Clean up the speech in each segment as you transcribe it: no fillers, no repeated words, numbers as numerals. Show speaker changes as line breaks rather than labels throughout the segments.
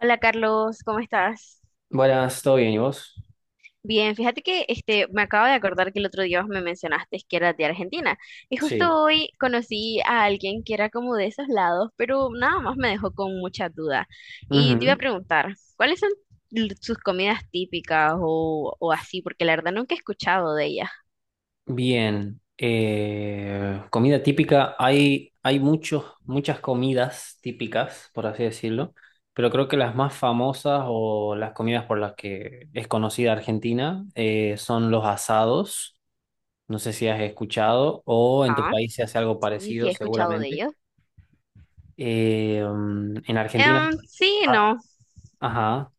Hola Carlos, ¿cómo estás?
Buenas, ¿todo bien? ¿Y vos?
Bien, fíjate que me acabo de acordar que el otro día vos me mencionaste que eras de Argentina y
Sí.
justo hoy conocí a alguien que era como de esos lados, pero nada más me dejó con mucha duda. Y te iba a
Ujú.
preguntar, ¿cuáles son sus comidas típicas o así? Porque la verdad nunca he escuchado de ellas.
Bien. Comida típica, hay muchos, muchas comidas típicas, por así decirlo, pero creo que las más famosas o las comidas por las que es conocida Argentina son los asados. No sé si has escuchado o en tu
Ah,
país se hace algo
sí, sí he
parecido,
escuchado de
seguramente.
ellos.
Eh, mm, en Argentina,
Sí, no.
ah, ajá,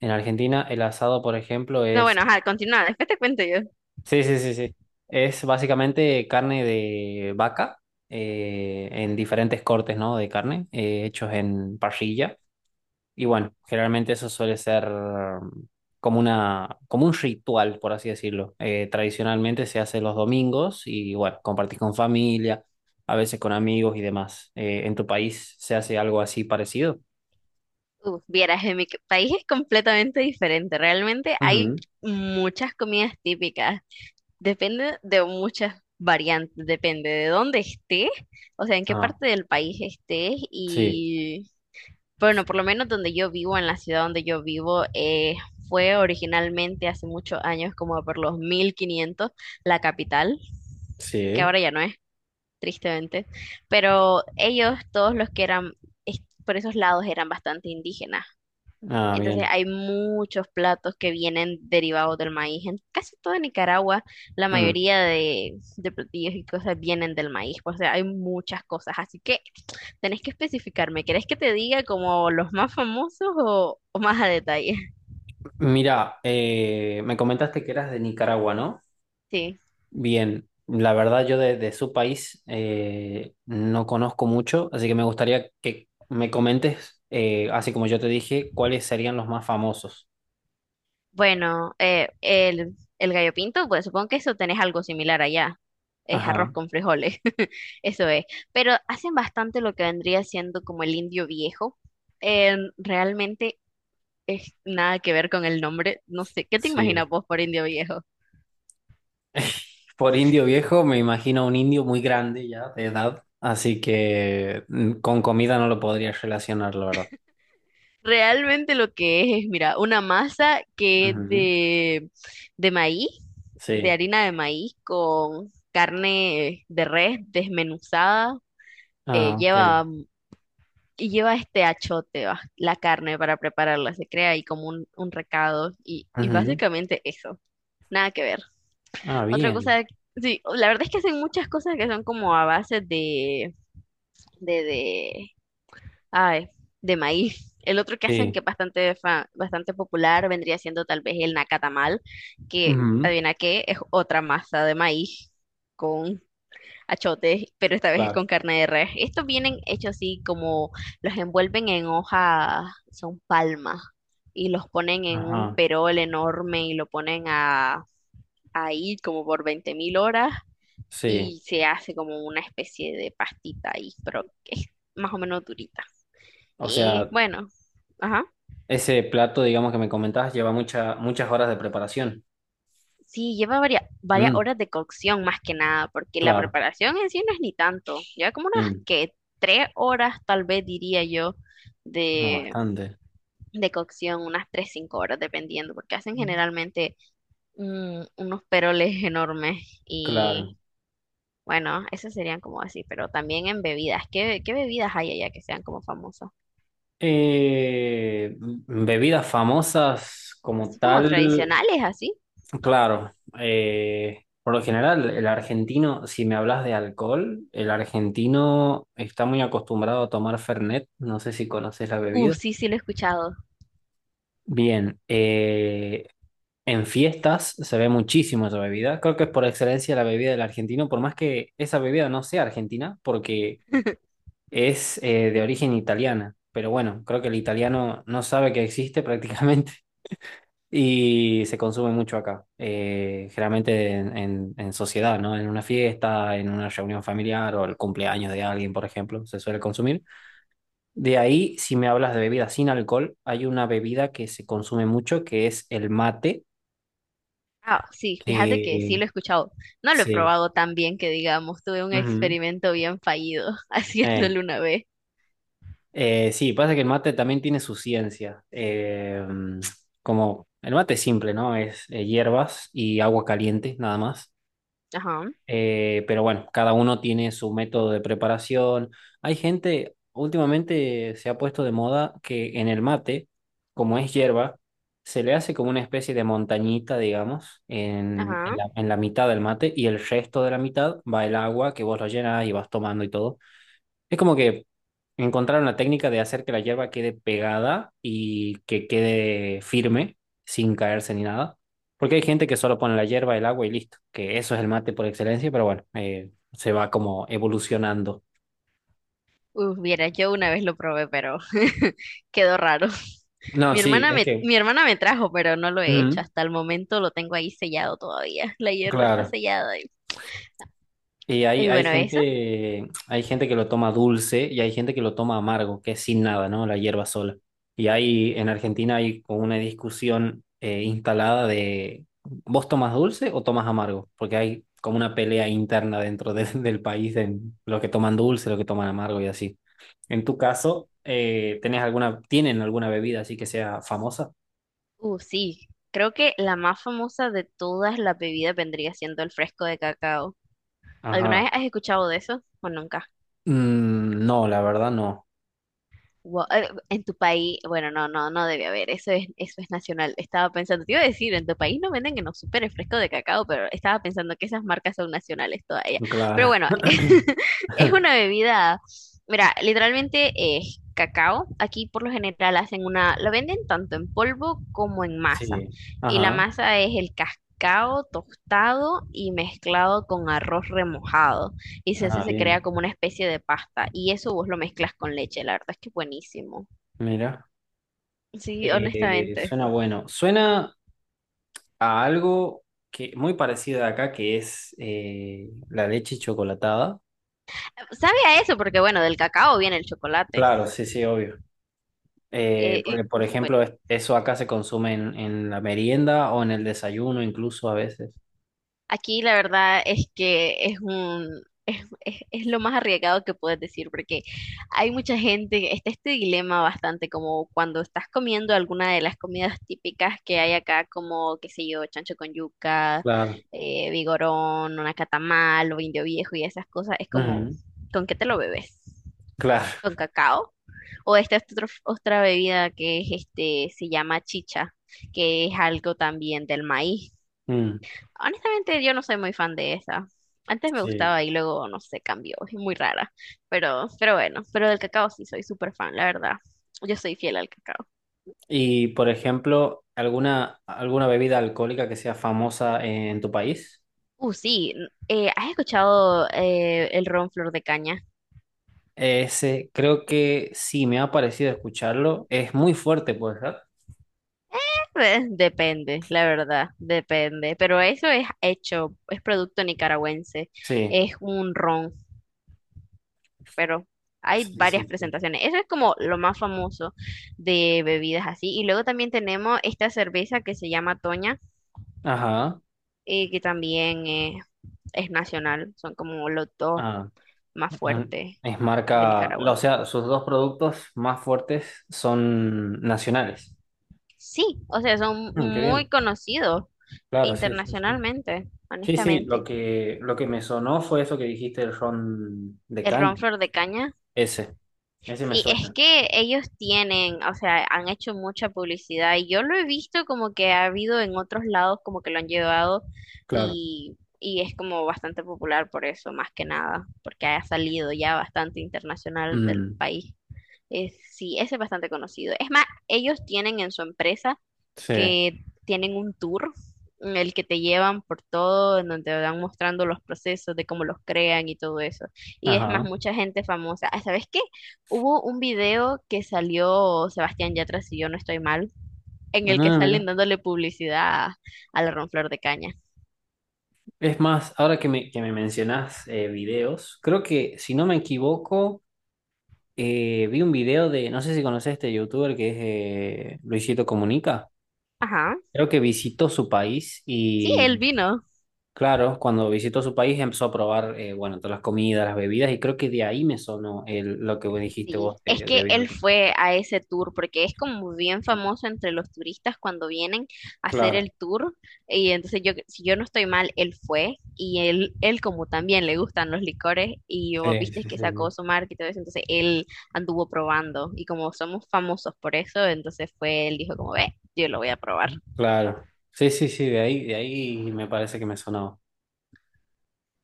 en Argentina el asado, por ejemplo,
No, bueno,
es...
ajá, continúa, después te cuento yo.
Sí, sí, sí, sí. Es básicamente carne de vaca en diferentes cortes, ¿no? De carne hechos en parrilla. Y bueno, generalmente eso suele ser como una, como un ritual, por así decirlo. Tradicionalmente se hace los domingos y bueno, compartís con familia, a veces con amigos y demás. ¿En tu país se hace algo así parecido?
Uf, vieras, en mi país es completamente diferente. Realmente hay
Ujú.
muchas comidas típicas. Depende de muchas variantes, depende de dónde estés, o sea, en qué
Ah,
parte del país estés
sí,
y, bueno, por lo menos donde yo vivo, en la ciudad donde yo vivo, fue originalmente hace muchos años, como por los 1500, la capital, que
sí.
ahora ya no es, tristemente. Pero ellos, todos los que eran, por esos lados, eran bastante indígenas.
Ah,
Entonces
bien.
hay muchos platos que vienen derivados del maíz. En casi toda Nicaragua, la
Mm.
mayoría de platillos y cosas vienen del maíz. O sea, hay muchas cosas. Así que tenés que especificarme. ¿Querés que te diga como los más famosos o más a detalle?
Mira, me comentaste que eras de Nicaragua, ¿no?
Sí.
Bien, la verdad yo de su país no conozco mucho, así que me gustaría que me comentes, así como yo te dije, cuáles serían los más famosos.
Bueno, el gallo pinto, pues supongo que eso tenés algo similar allá. Es arroz
Ajá,
con frijoles. Eso es. Pero hacen bastante lo que vendría siendo como el indio viejo. Realmente es nada que ver con el nombre. No sé, ¿qué te
sí.
imaginas vos por indio viejo?
Por indio viejo me imagino un indio muy grande ya de edad, así que con comida no lo podría relacionar, la verdad.
Realmente lo que es, mira, una masa que es
Ujú.
de maíz, de
Sí.
harina de maíz con carne de res desmenuzada,
Ah, ok.
lleva y lleva este achote, va, la carne para prepararla, se crea ahí como un recado y
Ujú.
básicamente eso, nada que ver.
Ah,
Otra
bien.
cosa, sí, la verdad es que hacen muchas cosas que son como a base de, de, de Ay, de maíz. El otro que hacen que
Sí.
es bastante, bastante popular vendría siendo tal vez el nacatamal, que
Ujú.
adivina qué, es otra masa de maíz con achotes, pero esta vez es
Claro.
con carne de res. Estos vienen hechos así como los envuelven en hoja, son palmas, y los ponen en un
Ajá.
perol enorme y lo ponen a, ahí como por 20.000 horas
Sí.
y se hace como una especie de pastita ahí, pero que es más o menos durita.
O
Y
sea...
bueno, ajá.
Ese plato, digamos, que me comentabas, lleva muchas horas de preparación.
Sí, lleva varias
Mm,
horas de cocción más que nada, porque la
claro.
preparación en sí no es ni tanto. Lleva como unas
Mm,
que 3 horas, tal vez diría yo,
no,
de,
bastante.
de cocción, unas 3, 5 horas, dependiendo, porque hacen
Mm.
generalmente unos peroles enormes.
Claro.
Y bueno, esas serían como así, pero también en bebidas. ¿Qué bebidas hay allá que sean como famosas?
Bebidas famosas como
Así como
tal,
tradicionales, así.
claro. Por lo general, el argentino, si me hablas de alcohol, el argentino está muy acostumbrado a tomar Fernet. No sé si conoces la bebida.
Sí, sí, lo he escuchado.
Bien, en fiestas se ve muchísimo esa bebida. Creo que es por excelencia la bebida del argentino, por más que esa bebida no sea argentina, porque es de origen italiana. Pero bueno, creo que el italiano no sabe que existe prácticamente y se consume mucho acá. Generalmente en, en sociedad, ¿no? En una fiesta, en una reunión familiar o el cumpleaños de alguien, por ejemplo, se suele consumir. De ahí, si me hablas de bebida sin alcohol, hay una bebida que se consume mucho que es el mate.
Ah, sí, fíjate que sí
Que
lo he escuchado. No lo he
sí.
probado tan bien que digamos, tuve un
Ujú.
experimento bien fallido
Eh,
haciéndolo una vez.
sí, pasa que el mate también tiene su ciencia. Como el mate es simple, ¿no? Es hierbas y agua caliente, nada más.
Ajá,
Pero bueno, cada uno tiene su método de preparación. Hay gente, últimamente se ha puesto de moda que en el mate, como es hierba, se le hace como una especie de montañita, digamos,
ajá.
en la mitad del mate y el resto de la mitad va el agua que vos lo llenas y vas tomando y todo. Es como que encontraron la técnica de hacer que la hierba quede pegada y que quede firme, sin caerse ni nada. Porque hay gente que solo pone la hierba, el agua y listo, que eso es el mate por excelencia, pero bueno, se va como evolucionando.
Uf, viera, yo una vez lo probé, pero quedó raro.
No, sí, es que...
Mi hermana me trajo, pero no lo he hecho.
Mm,
Hasta el momento lo tengo ahí sellado todavía. La hierba está
claro.
sellada. Y,
Y hay,
y bueno, esa.
hay gente que lo toma dulce y hay gente que lo toma amargo, que es sin nada, ¿no? La hierba sola. Y hay, en Argentina hay como una discusión instalada de ¿vos tomas dulce o tomas amargo? Porque hay como una pelea interna del país en los que toman dulce, los que toman amargo y así. En tu caso, ¿tenés alguna, tienen alguna bebida así que sea famosa?
Sí. Creo que la más famosa de todas las bebidas vendría siendo el fresco de cacao. ¿Alguna vez
Ajá.
has escuchado de eso o nunca?
Mm, no, la verdad no.
En tu país, bueno, no, no, no debe haber, eso es nacional. Estaba pensando, te iba a decir, en tu país no venden que no supere fresco de cacao, pero estaba pensando que esas marcas son nacionales todavía.
Claro.
Pero bueno, es una bebida, mira, literalmente es cacao. Aquí por lo general hacen una, lo venden tanto en polvo como en masa.
Sí.
Y la
Ajá.
masa es el cacao tostado y mezclado con arroz remojado y se hace,
Ah,
se
bien,
crea como una especie de pasta y eso vos lo mezclas con leche, la verdad es que es buenísimo.
mira.
Sí, honestamente.
Suena bueno. Suena a algo que muy parecido de acá, que es la leche chocolatada.
Sabe a eso porque bueno, del cacao viene el chocolate.
Claro, sí, sí, obvio.
Y,
Porque, por
uf, bueno.
ejemplo, eso acá se consume en la merienda o en el desayuno, incluso a veces.
Aquí la verdad es que es un es lo más arriesgado que puedes decir, porque hay mucha gente, está este dilema bastante como cuando estás comiendo alguna de las comidas típicas que hay acá, como, qué sé yo, chancho con yuca,
Claro.
vigorón, una catamal o indio viejo y esas cosas, es como,
Ujú.
¿con qué te lo bebes?
Claro.
¿Con cacao? O esta es otra bebida que es se llama chicha, que es algo también del maíz.
Mm,
Honestamente, yo no soy muy fan de esa. Antes me
sí.
gustaba y luego, no sé, cambió. Es muy rara. Pero bueno, pero del cacao sí soy súper fan, la verdad. Yo soy fiel al cacao.
Y, por ejemplo, ¿alguna, alguna bebida alcohólica que sea famosa en tu país?
Sí. ¿Has escuchado el ron flor de caña?
Ese, creo que sí, me ha parecido escucharlo. Es muy fuerte, pues, ¿verdad?
Depende, la verdad, depende. Pero eso es hecho, es producto nicaragüense.
Sí.
Es un ron, pero hay
Sí,
varias
sí, sí.
presentaciones. Eso es como lo más famoso de bebidas así. Y luego también tenemos esta cerveza que se llama Toña
Ajá.
y que también es nacional, son como los dos
Ah,
más
em,
fuertes
es
de
marca,
Nicaragua.
o sea, sus dos productos más fuertes son nacionales.
Sí, o sea, son
Mm, qué
muy
bien.
conocidos
Claro, sí, sí, sí.
internacionalmente,
Sí, sí,
honestamente.
lo que me sonó fue eso que dijiste, el ron de
El
caña.
ron flor de caña,
Ese, ese me
sí, es
suena.
que ellos tienen, o sea, han hecho mucha publicidad y yo lo he visto como que ha habido en otros lados como que lo han llevado
Claro.
y es como bastante popular por eso, más que nada, porque ha salido ya bastante internacional del
Mm,
país. Es, sí, ese es bastante conocido. Es más, ellos tienen en su empresa
sí.
que tienen un tour en el que te llevan por todo, en donde te van mostrando los procesos de cómo los crean y todo eso. Y es más,
Ajá.
mucha gente famosa. Ah, ¿sabes qué? Hubo un video que salió Sebastián Yatra, si yo no estoy mal, en el que
Ah, mira.
salen dándole publicidad a, la Ronflor de Caña.
Es más, ahora que me mencionás videos, creo que si no me equivoco, vi un video de, no sé si conocés este youtuber que es Luisito Comunica,
Ajá.
creo que visitó su país
Sí, él
y
vino.
claro, cuando visitó su país empezó a probar, bueno, todas las comidas, las bebidas y creo que de ahí me sonó el, lo que vos dijiste vos,
Sí, es
el
que
bebido.
él fue a ese tour porque es como bien famoso entre los turistas cuando vienen a hacer
Claro,
el tour y entonces yo, si yo no estoy mal, él fue y él como también le gustan los licores y vos
sí,
viste
sí, sí,
que
sí,
sacó su marca y todo eso, entonces él anduvo probando y como somos famosos por eso, entonces fue, él dijo como ve, yo lo voy a probar.
claro. Sí, sí, sí, de ahí me parece que me sonaba.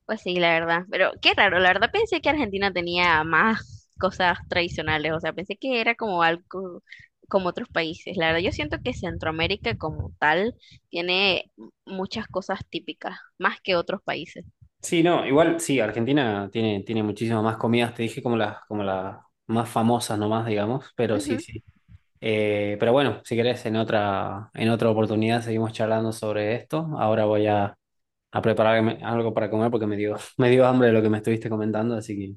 Pues sí, la verdad. Pero qué raro, la verdad pensé que Argentina tenía más cosas tradicionales, o sea, pensé que era como algo como otros países. La verdad, yo siento que Centroamérica como tal tiene muchas cosas típicas, más que otros países.
Sí, no, igual sí, Argentina tiene, tiene muchísimas más comidas, te dije como las más famosas nomás, digamos, pero sí,
Ujú.
sí. Pero bueno, si querés, en otra oportunidad seguimos charlando sobre esto. Ahora voy a prepararme algo para comer porque me dio, me dio hambre de lo que me estuviste comentando, así que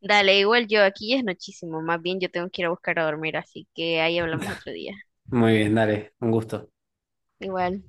Dale, igual yo, aquí ya es nochísimo, más bien yo tengo que ir a buscar a dormir, así que ahí hablamos otro día.
muy bien, dale, un gusto.
Igual.